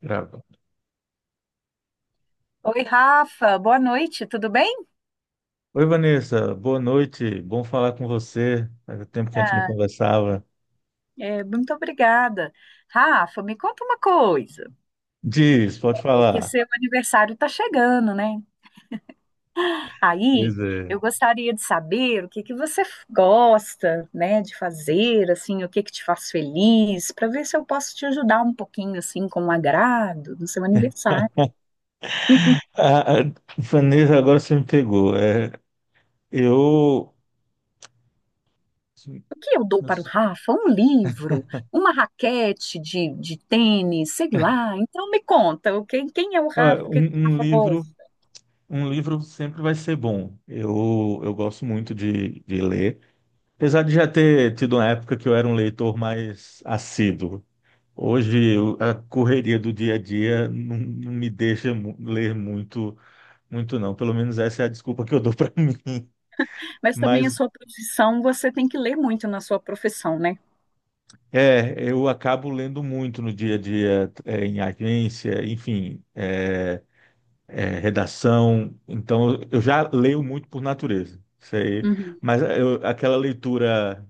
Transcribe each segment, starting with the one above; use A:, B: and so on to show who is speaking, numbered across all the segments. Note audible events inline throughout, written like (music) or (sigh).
A: Grava.
B: Oi, Rafa, boa noite, tudo bem?
A: Oi, Vanessa, boa noite, bom falar com você. Faz tempo que a gente não
B: Ah,
A: conversava.
B: é, muito obrigada. Rafa, me conta uma coisa,
A: Diz, pode
B: é que
A: falar.
B: seu aniversário está chegando, né? Aí,
A: Pois é.
B: eu gostaria de saber o que que você gosta, né, de fazer, assim, o que que te faz feliz, para ver se eu posso te ajudar um pouquinho, assim, com um agrado no seu aniversário.
A: Ah, Vanessa, agora você me pegou. É, eu,
B: O que eu dou para o Rafa? Um livro, uma raquete de tênis, sei lá. Então, me conta, quem é o Rafa,
A: olha,
B: o que que o
A: um
B: Rafa
A: livro,
B: gosta?
A: um livro sempre vai ser bom. Eu gosto muito de ler, apesar de já ter tido uma época que eu era um leitor mais assíduo. Hoje, a correria do dia a dia não me deixa ler muito. Não, pelo menos essa é a desculpa que eu dou (laughs) para mim.
B: Mas também a
A: Mas
B: sua profissão, você tem que ler muito na sua profissão, né?
A: é, eu acabo lendo muito no dia a dia, é, em agência, enfim, é, redação. Então eu já leio muito por natureza, isso aí.
B: Uhum,
A: Mas aquela leitura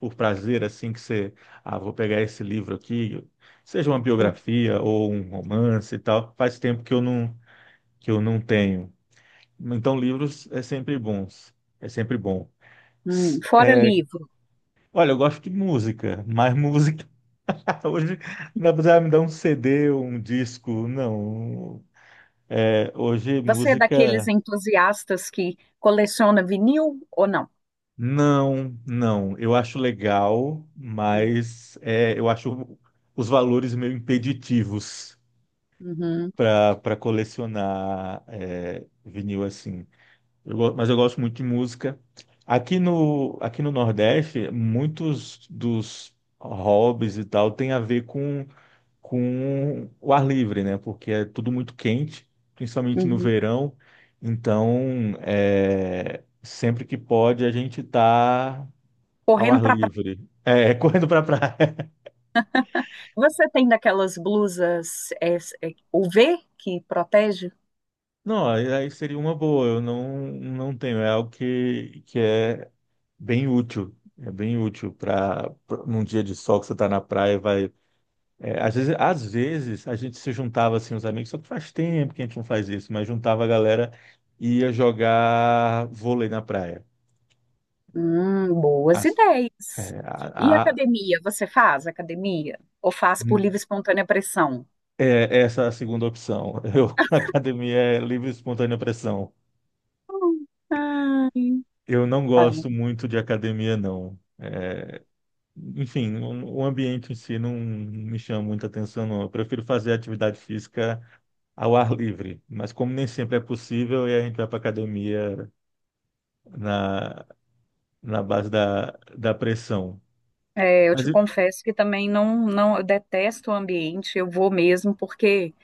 A: por prazer, assim, que você, ah, vou pegar esse livro aqui, seja uma biografia ou um romance e tal, faz tempo que eu não tenho. Então livros é sempre bons, é sempre bom.
B: uhum. Fora livro,
A: Olha, eu gosto de música, mas música (laughs) hoje não dá pra me dar um CD, um disco, não. É, hoje
B: você é daqueles
A: música,
B: entusiastas que coleciona vinil ou não?
A: não. Eu acho legal,
B: É.
A: mas é, eu acho os valores meio impeditivos
B: Uhum,
A: para colecionar é, vinil assim. Mas eu gosto muito de música. Aqui no Nordeste, muitos dos hobbies e tal tem a ver com o ar livre, né? Porque é tudo muito quente, principalmente no
B: uhum.
A: verão. Então, é, sempre que pode, a gente tá ao
B: Correndo
A: ar
B: para praia.
A: livre. É, (laughs) correndo para praia.
B: Você tem daquelas blusas UV que protege?
A: Não, aí seria uma boa. Eu não, Não tenho. É algo que é bem útil. É bem útil para num dia de sol que você está na praia, vai. É, às vezes a gente se juntava assim, os amigos, só que faz tempo que a gente não faz isso, mas juntava a galera e ia jogar vôlei na praia.
B: Boas
A: As- é,
B: ideias. E
A: a- a-
B: academia? Você faz academia? Ou faz por livre e espontânea pressão?
A: Essa é a segunda opção. Eu, (laughs) academia é livre e espontânea pressão.
B: Hum,
A: Eu não gosto
B: ai.
A: muito de academia, não. Enfim, o ambiente em si não me chama muita atenção, não. Eu prefiro fazer atividade física ao ar livre, mas como nem sempre é possível, e a gente vai para academia na na base da pressão.
B: É, eu
A: Mas
B: te
A: eu,
B: confesso que também não, não, eu detesto o ambiente, eu vou mesmo porque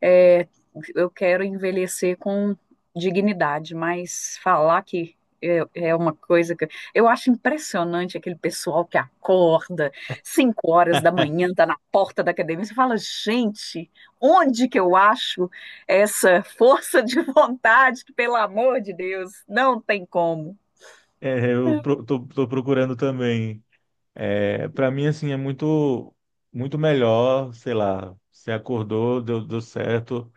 B: é, eu quero envelhecer com dignidade, mas falar que é, é uma coisa que eu acho impressionante aquele pessoal que acorda 5 horas da manhã, tá na porta da academia, você fala, gente, onde que eu acho essa força de vontade que, pelo amor de Deus, não tem como.
A: é, tô procurando também. É, para mim, assim, é muito, muito melhor, sei lá, se acordou, deu certo,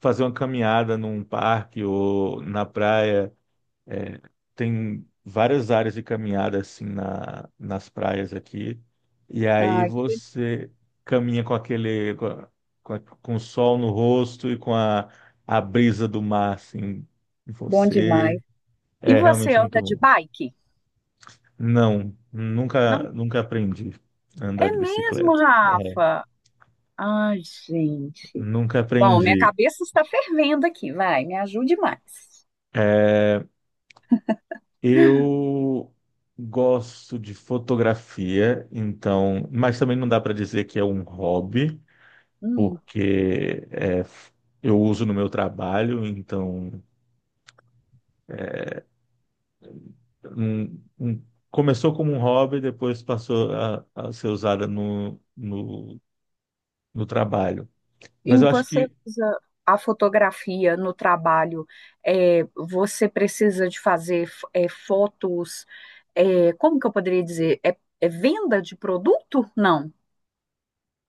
A: fazer uma caminhada num parque ou na praia. É, tem várias áreas de caminhada assim nas praias aqui. E aí
B: Ai, que
A: você caminha com o sol no rosto e com a brisa do mar assim em
B: bom
A: você.
B: demais. E
A: É
B: você
A: realmente muito
B: anda de
A: bom.
B: bike?
A: Não,
B: Não.
A: nunca aprendi a andar
B: É
A: de
B: mesmo,
A: bicicleta.
B: Rafa? Ai, gente.
A: Nunca
B: Bom, minha
A: aprendi.
B: cabeça está fervendo aqui, vai, me ajude mais.
A: Eu gosto de fotografia, então, mas também não dá para dizer que é um hobby,
B: Hum.
A: porque é, eu uso no meu trabalho, então um- um- começou como um hobby, depois passou a ser usada no trabalho. Mas
B: E
A: eu acho
B: você
A: que
B: usa a fotografia no trabalho? É, você precisa de fazer é, fotos, é, como que eu poderia dizer? É, é venda de produto? Não.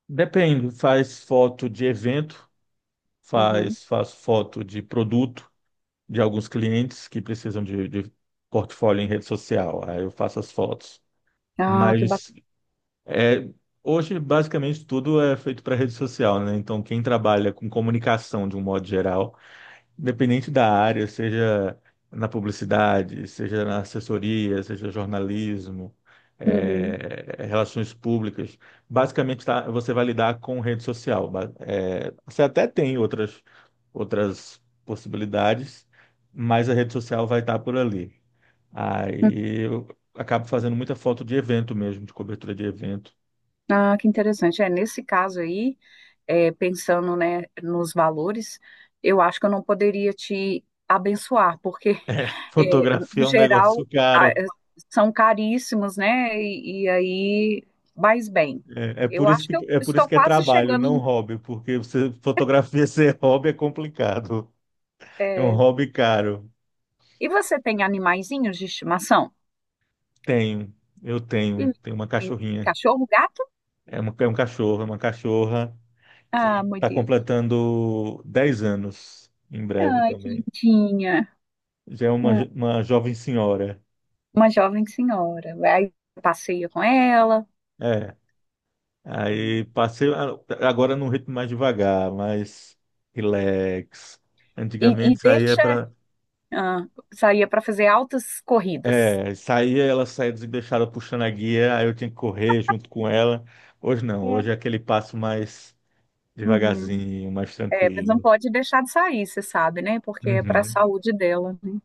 A: depende, faz foto de evento,
B: Uhum.
A: faz foto de produto de alguns clientes que precisam de portfólio em rede social, aí eu faço as fotos.
B: Ah, que
A: Mas
B: bacana.
A: é, hoje, basicamente, tudo é feito para rede social, né? Então, quem trabalha com comunicação de um modo geral independente da área, seja na publicidade, seja na assessoria, seja jornalismo, eh, relações públicas, basicamente você vai lidar com rede social. Você até tem outras, outras possibilidades, mas a rede social vai estar por ali. Aí eu acabo fazendo muita foto de evento mesmo, de cobertura de evento.
B: Ah, que interessante. É, nesse caso aí. É, pensando, né, nos valores, eu acho que eu não poderia te abençoar, porque, (laughs)
A: (laughs)
B: é,
A: Fotografia
B: em
A: é um
B: geral,
A: negócio caro.
B: é, são caríssimos, né? E aí, mas bem,
A: É, é
B: eu
A: por
B: acho que eu
A: é por isso
B: estou
A: que é
B: quase
A: trabalho,
B: chegando.
A: não hobby, porque você fotografia (laughs) ser hobby é complicado. É um
B: É,
A: hobby caro.
B: e você tem animaizinhos de estimação?
A: Tenho,
B: E-
A: tenho uma
B: e
A: cachorrinha.
B: Cachorro, gato?
A: É, uma, é um cachorro, é uma cachorra que
B: Ah, meu
A: está
B: Deus.
A: completando 10 anos em breve
B: Ai, que
A: também.
B: lindinha.
A: Já é
B: Hum.
A: uma jovem senhora.
B: Uma jovem senhora. Aí passeia com ela.
A: É.
B: Hum.
A: Aí passei a- Agora num ritmo mais devagar, mais relax. Antigamente
B: E
A: saía
B: deixa
A: para.
B: Ah, saía para fazer altas corridas.
A: É, saía, ela saía deixada puxando a guia, aí eu tinha que correr junto com ela. Hoje não,
B: É.
A: hoje é aquele passo mais
B: Uhum.
A: devagarzinho, mais
B: É, mas não
A: tranquilo.
B: pode deixar de sair, você sabe, né? Porque é para a
A: Uhum.
B: saúde dela, né?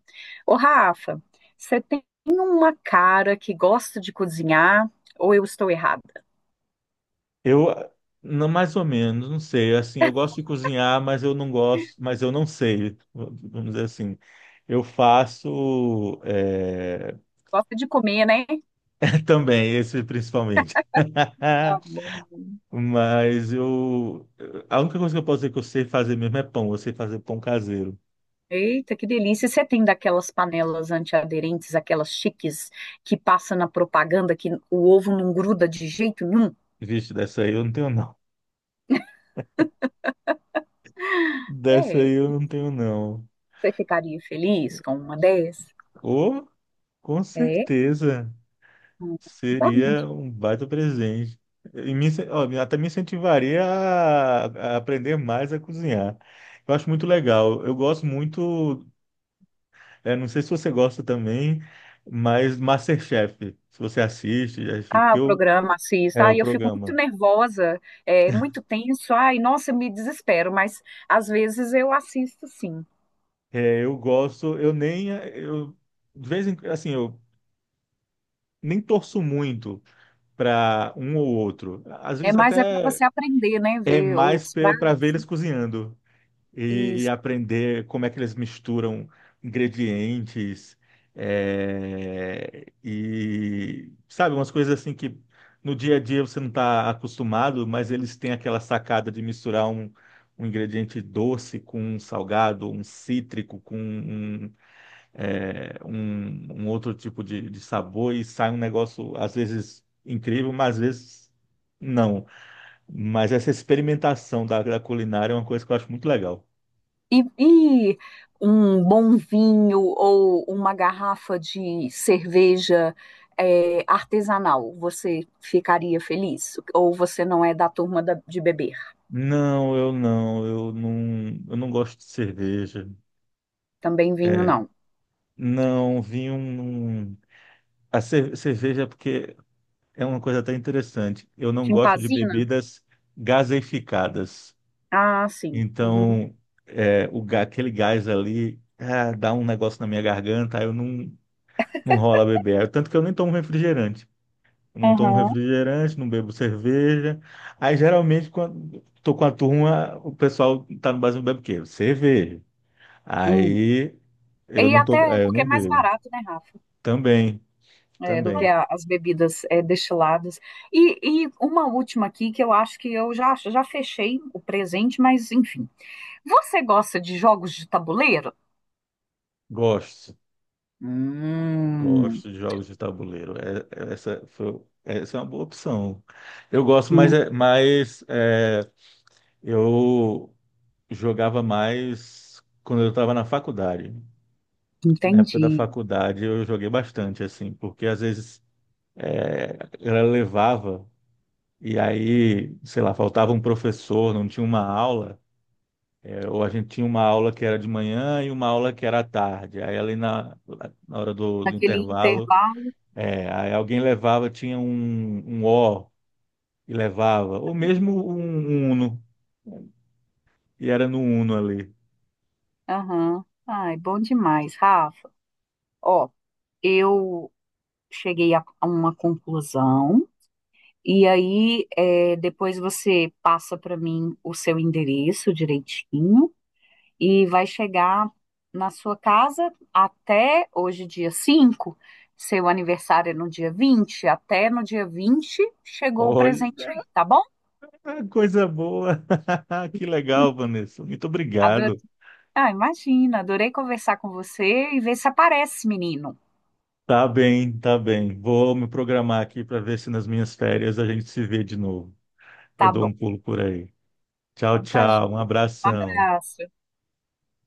B: Ô, Rafa, você tem uma cara que gosta de cozinhar ou eu estou errada?
A: Eu, não, mais ou menos, não sei, assim, eu gosto de cozinhar, mas eu não gosto, mas eu não sei, vamos dizer assim. Eu faço, é,
B: Gosta de comer, né?
A: (laughs) também, esse principalmente.
B: Tá bom.
A: (laughs) Mas eu, a única coisa que eu posso dizer que eu sei fazer mesmo é pão, eu sei fazer pão caseiro.
B: Eita, que delícia! E você tem daquelas panelas antiaderentes, aquelas chiques que passa na propaganda que o ovo não gruda de jeito nenhum?
A: Vixe, dessa aí eu não tenho não. Dessa
B: É,
A: aí eu não tenho, não.
B: você ficaria feliz com uma dessas?
A: Ou, com
B: É,
A: certeza,
B: hum, tá bom.
A: seria um baita presente. E me, incen- ó, me- até me incentivaria a aprender mais a cozinhar. Eu acho muito legal. Eu gosto muito, eh, não sei se você gosta também, mas MasterChef, se você assiste, acho
B: Ah,
A: que
B: o
A: eu,
B: programa assista.
A: é o
B: Ai, eu fico muito
A: programa.
B: nervosa, é muito tenso. Ai, nossa, eu me desespero, mas às vezes eu assisto sim.
A: É, eu gosto, eu nem, eh, eu, de vez em, assim, eu nem torço muito para um ou outro. Às
B: É,
A: vezes
B: mas é para
A: até
B: você aprender, né?
A: é
B: Ver
A: mais
B: os
A: para
B: pratos.
A: ver eles cozinhando e
B: Isso.
A: aprender como é que eles misturam ingredientes é, e sabe, umas coisas assim que no dia a dia você não está acostumado, mas eles têm aquela sacada de misturar um ingrediente doce com um salgado, um cítrico com um outro tipo de sabor e sai um negócio às vezes incrível, mas às vezes não. Mas essa experimentação da culinária é uma coisa que eu acho muito legal.
B: e, e Um bom vinho ou uma garrafa de cerveja é, artesanal. Você ficaria feliz? Ou você não é da turma de beber?
A: Não, eu não gosto de cerveja.
B: Também vinho
A: É,
B: não.
A: não, vinho. Cerveja, é porque é uma coisa até interessante. Eu não gosto de
B: Chimpazina?
A: bebidas gaseificadas.
B: Ah, sim. Uhum.
A: Então, é, aquele gás ali ah, dá um negócio na minha garganta, aí eu não, não rola beber. Tanto que eu nem tomo refrigerante. Eu não tomo
B: Aham.
A: refrigerante, não bebo cerveja. Aí geralmente quando tô com a turma, o pessoal tá no barzinho bebe o quê? Cerveja. Aí
B: E
A: eu não
B: até
A: tô, é, eu
B: porque
A: não
B: é mais
A: bebo.
B: barato, né, Rafa?
A: Também,
B: É, do que
A: também.
B: as bebidas é, destiladas. E uma última aqui que eu acho que eu já, já fechei o presente, mas enfim. Você gosta de jogos de tabuleiro?
A: Gosto,
B: Hum.
A: gosto de jogos de tabuleiro. Essa foi, essa é uma boa opção. Eu gosto,
B: Hum.
A: mas é, eu jogava mais quando eu estava na faculdade. Na época da
B: Entendi.
A: faculdade eu joguei bastante, assim, porque às vezes é, ela levava, e aí, sei lá, faltava um professor, não tinha uma aula, é, ou a gente tinha uma aula que era de manhã e uma aula que era à tarde. Aí, na hora do
B: Naquele
A: intervalo,
B: intervalo.
A: é, aí alguém levava, tinha um O e levava, ou mesmo um Uno, e era no Uno ali.
B: Aham. Ai, bom demais, Rafa. Ó, eu cheguei a uma conclusão. E aí, é, depois você passa para mim o seu endereço direitinho. E vai chegar na sua casa até hoje, dia 5. Seu aniversário é no dia 20, até no dia 20 chegou o presente
A: Olha,
B: aí, tá bom?
A: coisa boa! (laughs) Que legal, Vanessa. Muito
B: Adorei.
A: obrigado.
B: Ah, imagina, adorei conversar com você e ver se aparece, menino.
A: Tá bem, tá bem. Vou me programar aqui para ver se nas minhas férias a gente se vê de novo. Eu
B: Tá
A: dou um
B: bom.
A: pulo por aí. Tchau,
B: Então tá,
A: tchau. Um
B: gente. Um
A: abração.
B: abraço.